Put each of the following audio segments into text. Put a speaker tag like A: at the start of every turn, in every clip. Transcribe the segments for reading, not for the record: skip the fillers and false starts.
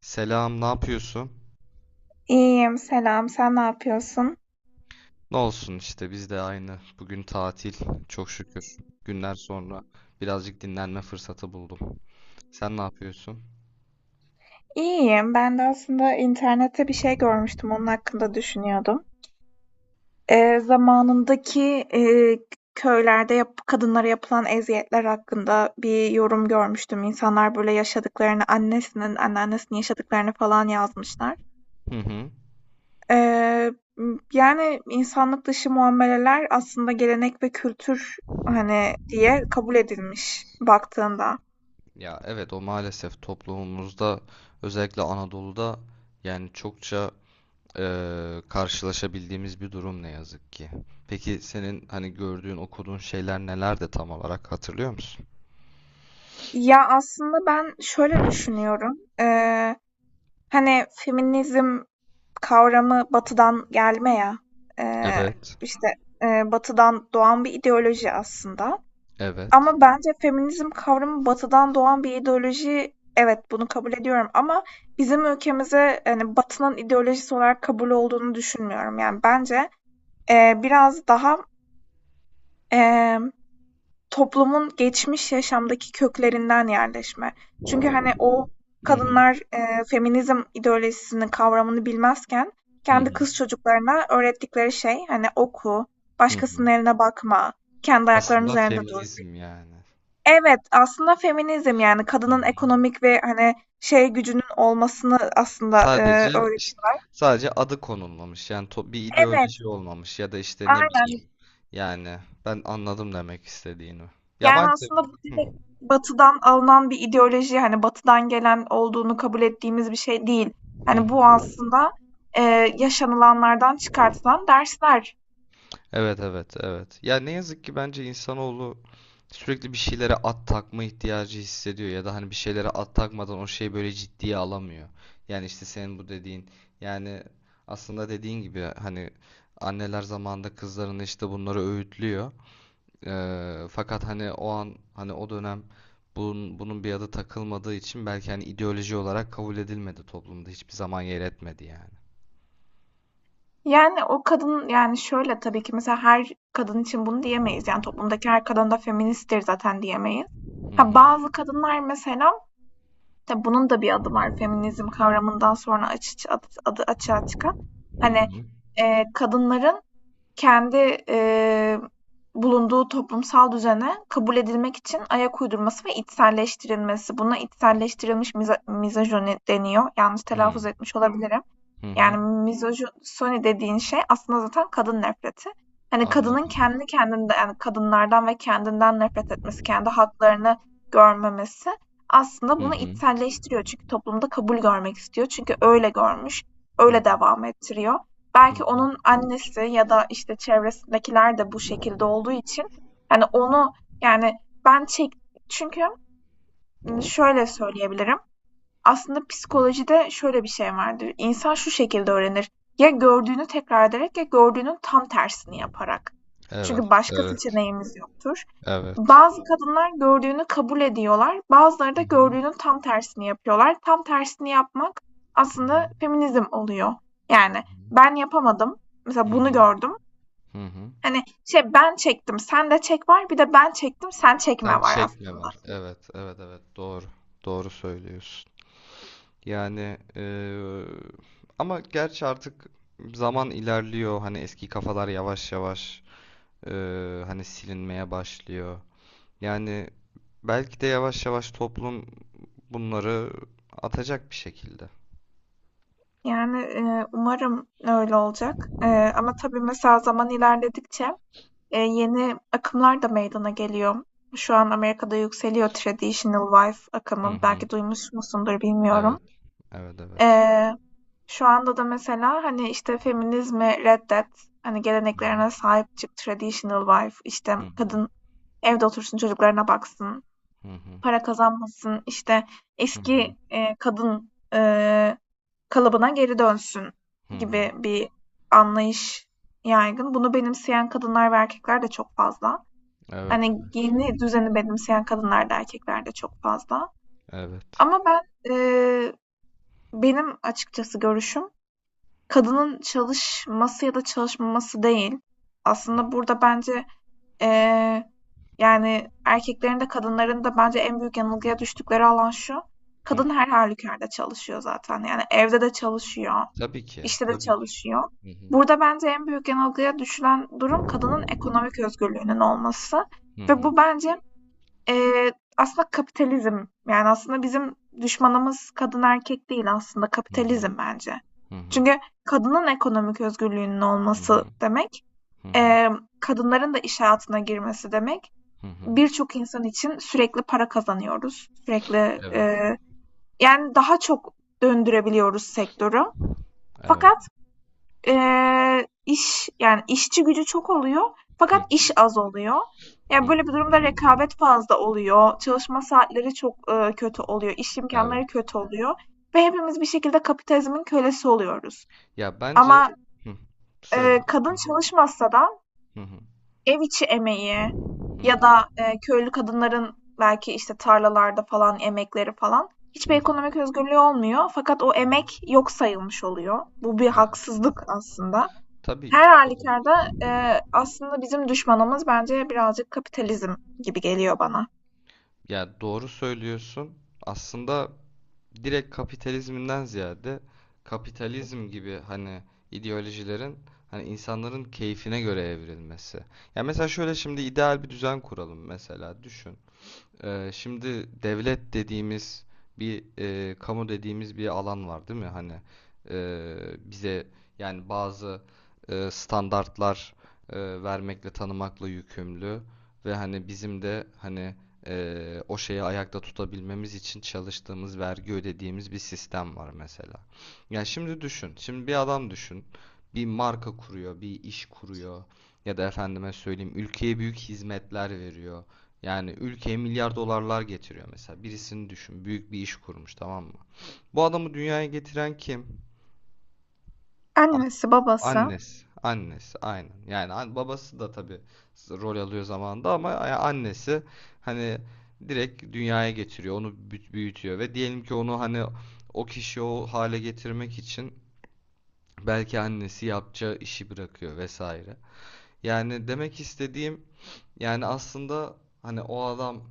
A: Selam, ne yapıyorsun?
B: İyiyim, selam. Sen ne yapıyorsun?
A: Ne olsun işte biz de aynı. Bugün tatil, çok şükür. Günler sonra birazcık dinlenme fırsatı buldum. Sen ne yapıyorsun?
B: İyiyim. Ben de aslında internette bir şey görmüştüm. Onun hakkında düşünüyordum. Zamanındaki e, köylerde kadınlara yapılan eziyetler hakkında bir yorum görmüştüm. İnsanlar böyle yaşadıklarını, annesinin, anneannesinin yaşadıklarını falan yazmışlar.
A: Hı hı.
B: Ee, Yani insanlık dışı muameleler aslında gelenek ve kültür hani diye kabul edilmiş baktığında.
A: Ya evet, o maalesef toplumumuzda, özellikle Anadolu'da, yani çokça karşılaşabildiğimiz bir durum ne yazık ki. Peki senin hani gördüğün, okuduğun şeyler neler de tam olarak hatırlıyor musun?
B: Ya, aslında ben şöyle düşünüyorum. Hani, feminizm kavramı Batı'dan gelme ya, eee,
A: Evet.
B: işte, Batı'dan doğan bir ideoloji aslında,
A: Evet.
B: ama bence feminizm kavramı Batı'dan doğan bir ideoloji, evet, bunu kabul ediyorum, ama bizim ülkemize, hani, Batı'nın ideolojisi olarak kabul olduğunu düşünmüyorum. Yani, bence, biraz daha, toplumun geçmiş yaşamdaki köklerinden yerleşme. Çünkü, hani, o
A: Hı hı.
B: kadınlar, feminizm ideolojisini, kavramını bilmezken
A: Hı
B: kendi
A: hı.
B: kız çocuklarına öğrettikleri şey, hani, oku,
A: Hı hı.
B: başkasının eline bakma, kendi ayaklarının
A: Aslında
B: üzerinde dur.
A: feminizm yani.
B: Evet, aslında feminizm, yani, kadının ekonomik ve, hani, şey gücünün olmasını aslında,
A: Sadece işte,
B: öğretiyorlar.
A: sadece adı konulmamış. Yani bir
B: Evet,
A: ideoloji olmamış ya da işte ne
B: aynen.
A: bileyim. Yani ben anladım demek istediğini. Ya
B: Yani
A: maalesef.
B: aslında bu
A: Hı,
B: direkt Batı'dan alınan bir ideoloji, hani Batı'dan gelen olduğunu kabul ettiğimiz bir şey değil. Hani bu
A: hı.
B: aslında e, yaşanılanlardan çıkartılan dersler.
A: Evet evet evet. Ya ne yazık ki, bence insanoğlu sürekli bir şeylere at takma ihtiyacı hissediyor ya da hani bir şeylere at takmadan o şeyi böyle ciddiye alamıyor. Yani işte senin bu dediğin, yani aslında dediğin gibi hani anneler zamanında kızlarını işte bunları öğütlüyor. Fakat hani o an, hani o dönem bunun bir adı takılmadığı için belki hani ideoloji olarak kabul edilmedi, toplumda hiçbir zaman yer etmedi yani.
B: Yani o kadın yani şöyle tabii ki mesela her kadın için bunu diyemeyiz. Yani toplumdaki her kadın da feministtir zaten diyemeyiz.
A: Hı
B: Ha,
A: hı
B: bazı kadınlar mesela tabii bunun da bir adı var feminizm kavramından sonra adı açığa çıkan.
A: hı
B: Hani
A: hı
B: kadınların kendi, eee, bulunduğu toplumsal düzene kabul edilmek için ayak uydurması ve içselleştirilmesi. Buna içselleştirilmiş mizojeni deniyor. Yanlış
A: hı
B: telaffuz etmiş olabilirim.
A: hı
B: Yani
A: hı.
B: mizojini dediğin şey aslında zaten kadın nefreti. Hani kadının
A: Anladım.
B: kendi kendinde yani kadınlardan ve kendinden nefret etmesi, kendi haklarını görmemesi aslında
A: Hı
B: bunu
A: hı
B: içselleştiriyor. Çünkü toplumda kabul görmek istiyor. Çünkü öyle görmüş,
A: hı
B: öyle devam ettiriyor.
A: hı
B: Belki
A: hı.
B: onun annesi ya da işte çevresindekiler de bu şekilde olduğu için hani onu, yani, ben çek çünkü şöyle söyleyebilirim. Aslında
A: Hı.
B: psikolojide şöyle bir şey vardır. İnsan şu şekilde öğrenir. Ya gördüğünü tekrar ederek ya gördüğünün tam tersini yaparak. Çünkü
A: Evet
B: başka
A: evet
B: seçeneğimiz yoktur.
A: evet.
B: Bazı kadınlar gördüğünü kabul ediyorlar. Bazıları
A: Hı
B: da
A: hı
B: gördüğünün tam tersini yapıyorlar. Tam tersini yapmak
A: hı hı
B: aslında feminizm oluyor. Yani ben yapamadım.
A: hı
B: Mesela bunu
A: hı
B: gördüm.
A: hı. Hı.
B: Hani şey ben çektim, sen de çek var. Bir de ben çektim, sen
A: Sen
B: çekme var
A: çekme
B: aslında.
A: var. Evet evet evet, doğru doğru söylüyorsun. Yani ama gerçi artık zaman ilerliyor. Hani eski kafalar yavaş yavaş hani silinmeye başlıyor. Yani belki de yavaş yavaş toplum bunları atacak bir şekilde.
B: Yani, umarım öyle olacak, ama tabii mesela zaman ilerledikçe, yeni akımlar da meydana geliyor. Şu an Amerika'da yükseliyor traditional wife
A: Hı
B: akımı.
A: hı.
B: Belki duymuş musundur bilmiyorum.
A: Evet, evet, evet.
B: Eee, Şu anda da mesela, hani, işte, feminizmi reddet, hani,
A: Hı hı.
B: geleneklerine sahip çık, traditional wife, işte,
A: Hı hı.
B: kadın evde otursun, çocuklarına baksın,
A: Hı hı.
B: para kazanmasın, işte,
A: Hı hı.
B: eski, kadın, kalıbına geri dönsün
A: Hı hı.
B: gibi bir anlayış yaygın. Bunu benimseyen kadınlar ve erkekler de çok fazla.
A: Evet,
B: Hani
A: evet.
B: yeni düzeni benimseyen kadınlar da erkekler de çok fazla.
A: Evet.
B: Ama eee, benim açıkçası görüşüm kadının çalışması ya da çalışmaması değil. Aslında burada bence, eee, yani erkeklerin de kadınların da bence en büyük yanılgıya düştükleri alan şu.
A: Hı.
B: Kadın her halükarda çalışıyor zaten. Yani evde de çalışıyor
A: Tabii ki,
B: işte de
A: tabii ki.
B: çalışıyor.
A: Hı hı.
B: Burada bence en büyük yanılgıya düşülen durum kadının ekonomik özgürlüğünün olması,
A: Hı
B: ve
A: hı.
B: bu bence, eee, aslında kapitalizm. Yani aslında bizim düşmanımız kadın erkek değil, aslında
A: Hı hı.
B: kapitalizm bence.
A: Hı hı.
B: Çünkü kadının ekonomik özgürlüğünün
A: Hı
B: olması
A: hı.
B: demek,
A: Hı hı.
B: kadınların da iş hayatına girmesi demek.
A: Hı hı.
B: Birçok insan için sürekli para kazanıyoruz. Sürekli,
A: Evet,
B: yani daha çok döndürebiliyoruz sektörü.
A: evet.
B: Fakat yani, işçi gücü çok oluyor
A: Hı
B: fakat iş az oluyor. Yani
A: hı.
B: böyle bir durumda rekabet fazla oluyor, çalışma saatleri çok, kötü oluyor, iş
A: Evet.
B: imkanları kötü oluyor ve hepimiz bir şekilde kapitalizmin kölesi oluyoruz.
A: Ya bence.
B: Ama,
A: Hı, söyle.
B: kadın çalışmasa da
A: Hı hı,
B: ev içi emeği
A: hı hı,
B: ya da, köylü kadınların belki, işte, tarlalarda falan emekleri falan
A: hı
B: hiçbir
A: hı.
B: ekonomik özgürlüğü olmuyor, fakat o emek yok sayılmış oluyor. Bu bir
A: Evet.
B: haksızlık aslında.
A: Tabii
B: Her
A: ki.
B: halükarda, aslında bizim düşmanımız bence birazcık kapitalizm gibi geliyor bana.
A: Ya doğru söylüyorsun. Aslında direkt kapitalizminden ziyade, kapitalizm gibi hani ideolojilerin hani insanların keyfine göre evrilmesi. Ya mesela şöyle, şimdi ideal bir düzen kuralım mesela, düşün. Şimdi devlet dediğimiz, bir e, kamu dediğimiz bir alan var değil mi? Hani e, bize, yani bazı e, standartlar e, vermekle tanımakla yükümlü ve hani bizim de hani e, o şeyi ayakta tutabilmemiz için çalıştığımız, vergi ödediğimiz bir sistem var mesela. Yani şimdi düşün. Şimdi bir adam düşün. Bir marka kuruyor, bir iş kuruyor ya da efendime söyleyeyim, ülkeye büyük hizmetler veriyor. Yani ülkeye milyar dolarlar getiriyor mesela. Birisini düşün. Büyük bir iş kurmuş, tamam mı? Bu adamı dünyaya getiren kim? A-
B: Annesi, babası.
A: Annesi. Annesi aynen. Yani babası da tabii rol alıyor zamanında ama annesi hani direkt dünyaya getiriyor. Onu büyütüyor ve diyelim ki onu hani o kişi o hale getirmek için belki annesi yapacağı işi bırakıyor vesaire. Yani demek istediğim, yani aslında hani o adam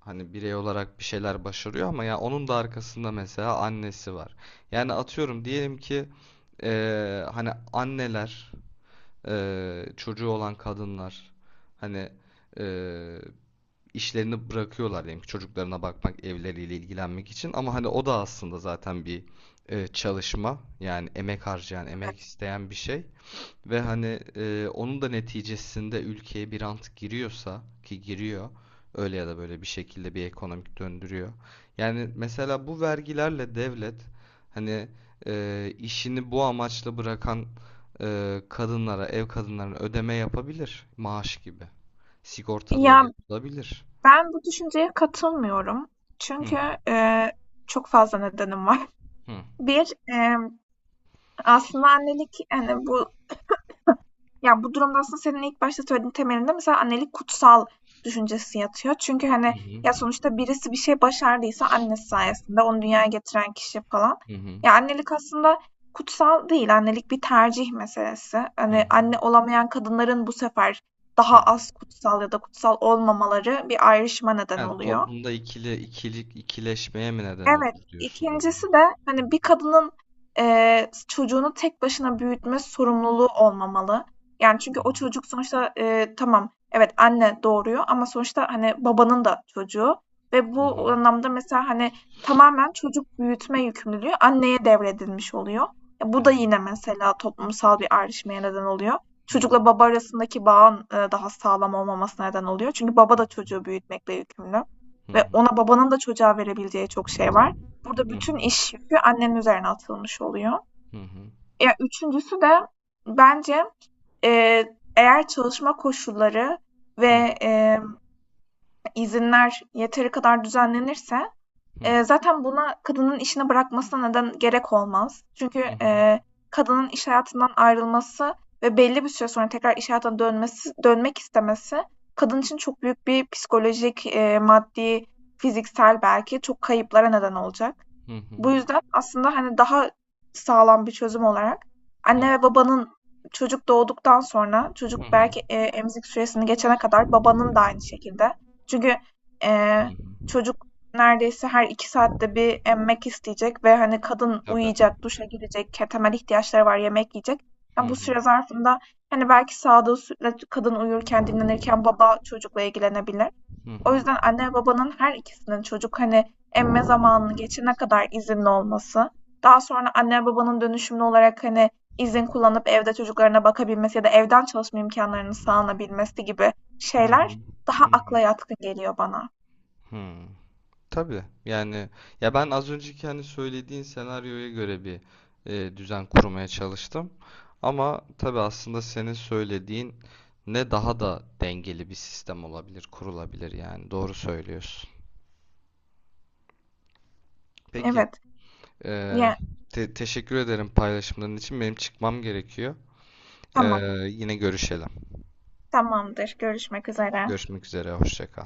A: hani birey olarak bir şeyler başarıyor, ama ya onun da arkasında mesela annesi var. Yani atıyorum, diyelim ki hani anneler, çocuğu olan kadınlar hani eee, işlerini bırakıyorlar diyelim ki, çocuklarına bakmak, evleriyle ilgilenmek için, ama hani o da aslında zaten bir çalışma, yani emek harcayan,
B: Evet.
A: emek isteyen bir şey. Ve hani e, onun da neticesinde ülkeye bir rant giriyorsa ki giriyor, öyle ya da böyle bir şekilde bir ekonomik döndürüyor. Yani mesela bu vergilerle devlet hani e, işini bu amaçla bırakan e, kadınlara, ev kadınlarına ödeme yapabilir, maaş gibi. Sigortaları
B: Ya,
A: yapılabilir.
B: ben bu düşünceye katılmıyorum.
A: Hı
B: Çünkü, eee, çok fazla nedenim var.
A: hı
B: Bir Aslında annelik, hani, bu ya, bu durumda aslında senin ilk başta söylediğin temelinde mesela annelik kutsal düşüncesi yatıyor. Çünkü,
A: hı
B: hani,
A: hı
B: ya, sonuçta birisi bir şey başardıysa annesi sayesinde, onu dünyaya getiren kişi falan.
A: hı hı
B: Ya, annelik aslında kutsal değil, annelik bir tercih meselesi.
A: hı
B: Hani,
A: hı.
B: anne olamayan kadınların bu sefer daha az kutsal ya da kutsal olmamaları bir ayrışma neden
A: Yani
B: oluyor.
A: toplumda ikili ikilik ikileşmeye mi neden
B: Evet,
A: olur diyorsun bu durum?
B: ikincisi de hani bir kadının, çocuğunu tek başına büyütme sorumluluğu olmamalı. Yani çünkü
A: Hı hı.
B: o çocuk sonuçta tamam, evet, anne doğuruyor ama sonuçta hani babanın da çocuğu ve
A: Hı hı.
B: bu anlamda mesela hani tamamen çocuk büyütme yükümlülüğü anneye devredilmiş oluyor. Ya bu da
A: Evet.
B: yine mesela toplumsal bir ayrışmaya neden oluyor.
A: Hı hı.
B: Çocukla baba arasındaki bağın daha sağlam olmamasına neden oluyor. Çünkü baba da çocuğu büyütmekle yükümlü.
A: Hı
B: Ve
A: hı.
B: ona babanın da çocuğa verebileceği çok şey var. Burada
A: Hı hı.
B: bütün iş yükü annenin üzerine atılmış oluyor.
A: Hı hı.
B: Ya üçüncüsü de bence eğer çalışma koşulları
A: Hı
B: ve izinler yeteri kadar düzenlenirse
A: hı.
B: Zaten buna kadının işini bırakmasına neden gerek olmaz. Çünkü,
A: Hı hı.
B: kadının iş hayatından ayrılması ve belli bir süre sonra tekrar iş hayatına dönmesi dönmek istemesi kadın için çok büyük bir psikolojik, maddi, fiziksel belki çok kayıplara neden olacak.
A: Hı hı.
B: Bu yüzden aslında, hani, daha sağlam bir çözüm olarak
A: Hı.
B: anne ve babanın çocuk doğduktan sonra
A: Hı
B: çocuk
A: hı.
B: belki, emzik süresini geçene kadar babanın da aynı şekilde. Çünkü,
A: Hı
B: eee,
A: hı.
B: çocuk neredeyse her 2 saatte bir emmek isteyecek ve, hani, kadın
A: Tabii.
B: uyuyacak, duşa girecek, temel ihtiyaçları var, yemek yiyecek.
A: Hı
B: Ya, bu
A: hı.
B: süre zarfında, hani, belki sağdığı sütle kadın uyurken, dinlenirken baba çocukla ilgilenebilir.
A: Hı
B: O
A: hı.
B: yüzden anne babanın her ikisinin çocuk hani emme zamanını geçene kadar izinli olması, daha sonra anne babanın dönüşümlü olarak hani izin kullanıp evde çocuklarına bakabilmesi ya da evden çalışma imkanlarını sağlanabilmesi gibi
A: Hı hı.
B: şeyler daha
A: Hı hı.
B: akla yatkın geliyor bana.
A: Hı. Tabii. Yani ya, ben az önceki hani söylediğin senaryoya göre bir e, düzen kurmaya çalıştım. Ama tabii aslında senin söylediğin ne daha da dengeli bir sistem olabilir, kurulabilir yani. Doğru söylüyorsun. Peki.
B: Evet.
A: Ee,
B: Ya,
A: teşekkür ederim paylaşımların için. Benim çıkmam gerekiyor. Ee,
B: tamam.
A: yine görüşelim.
B: Tamamdır. Görüşmek üzere.
A: Görüşmek üzere, hoşça kal.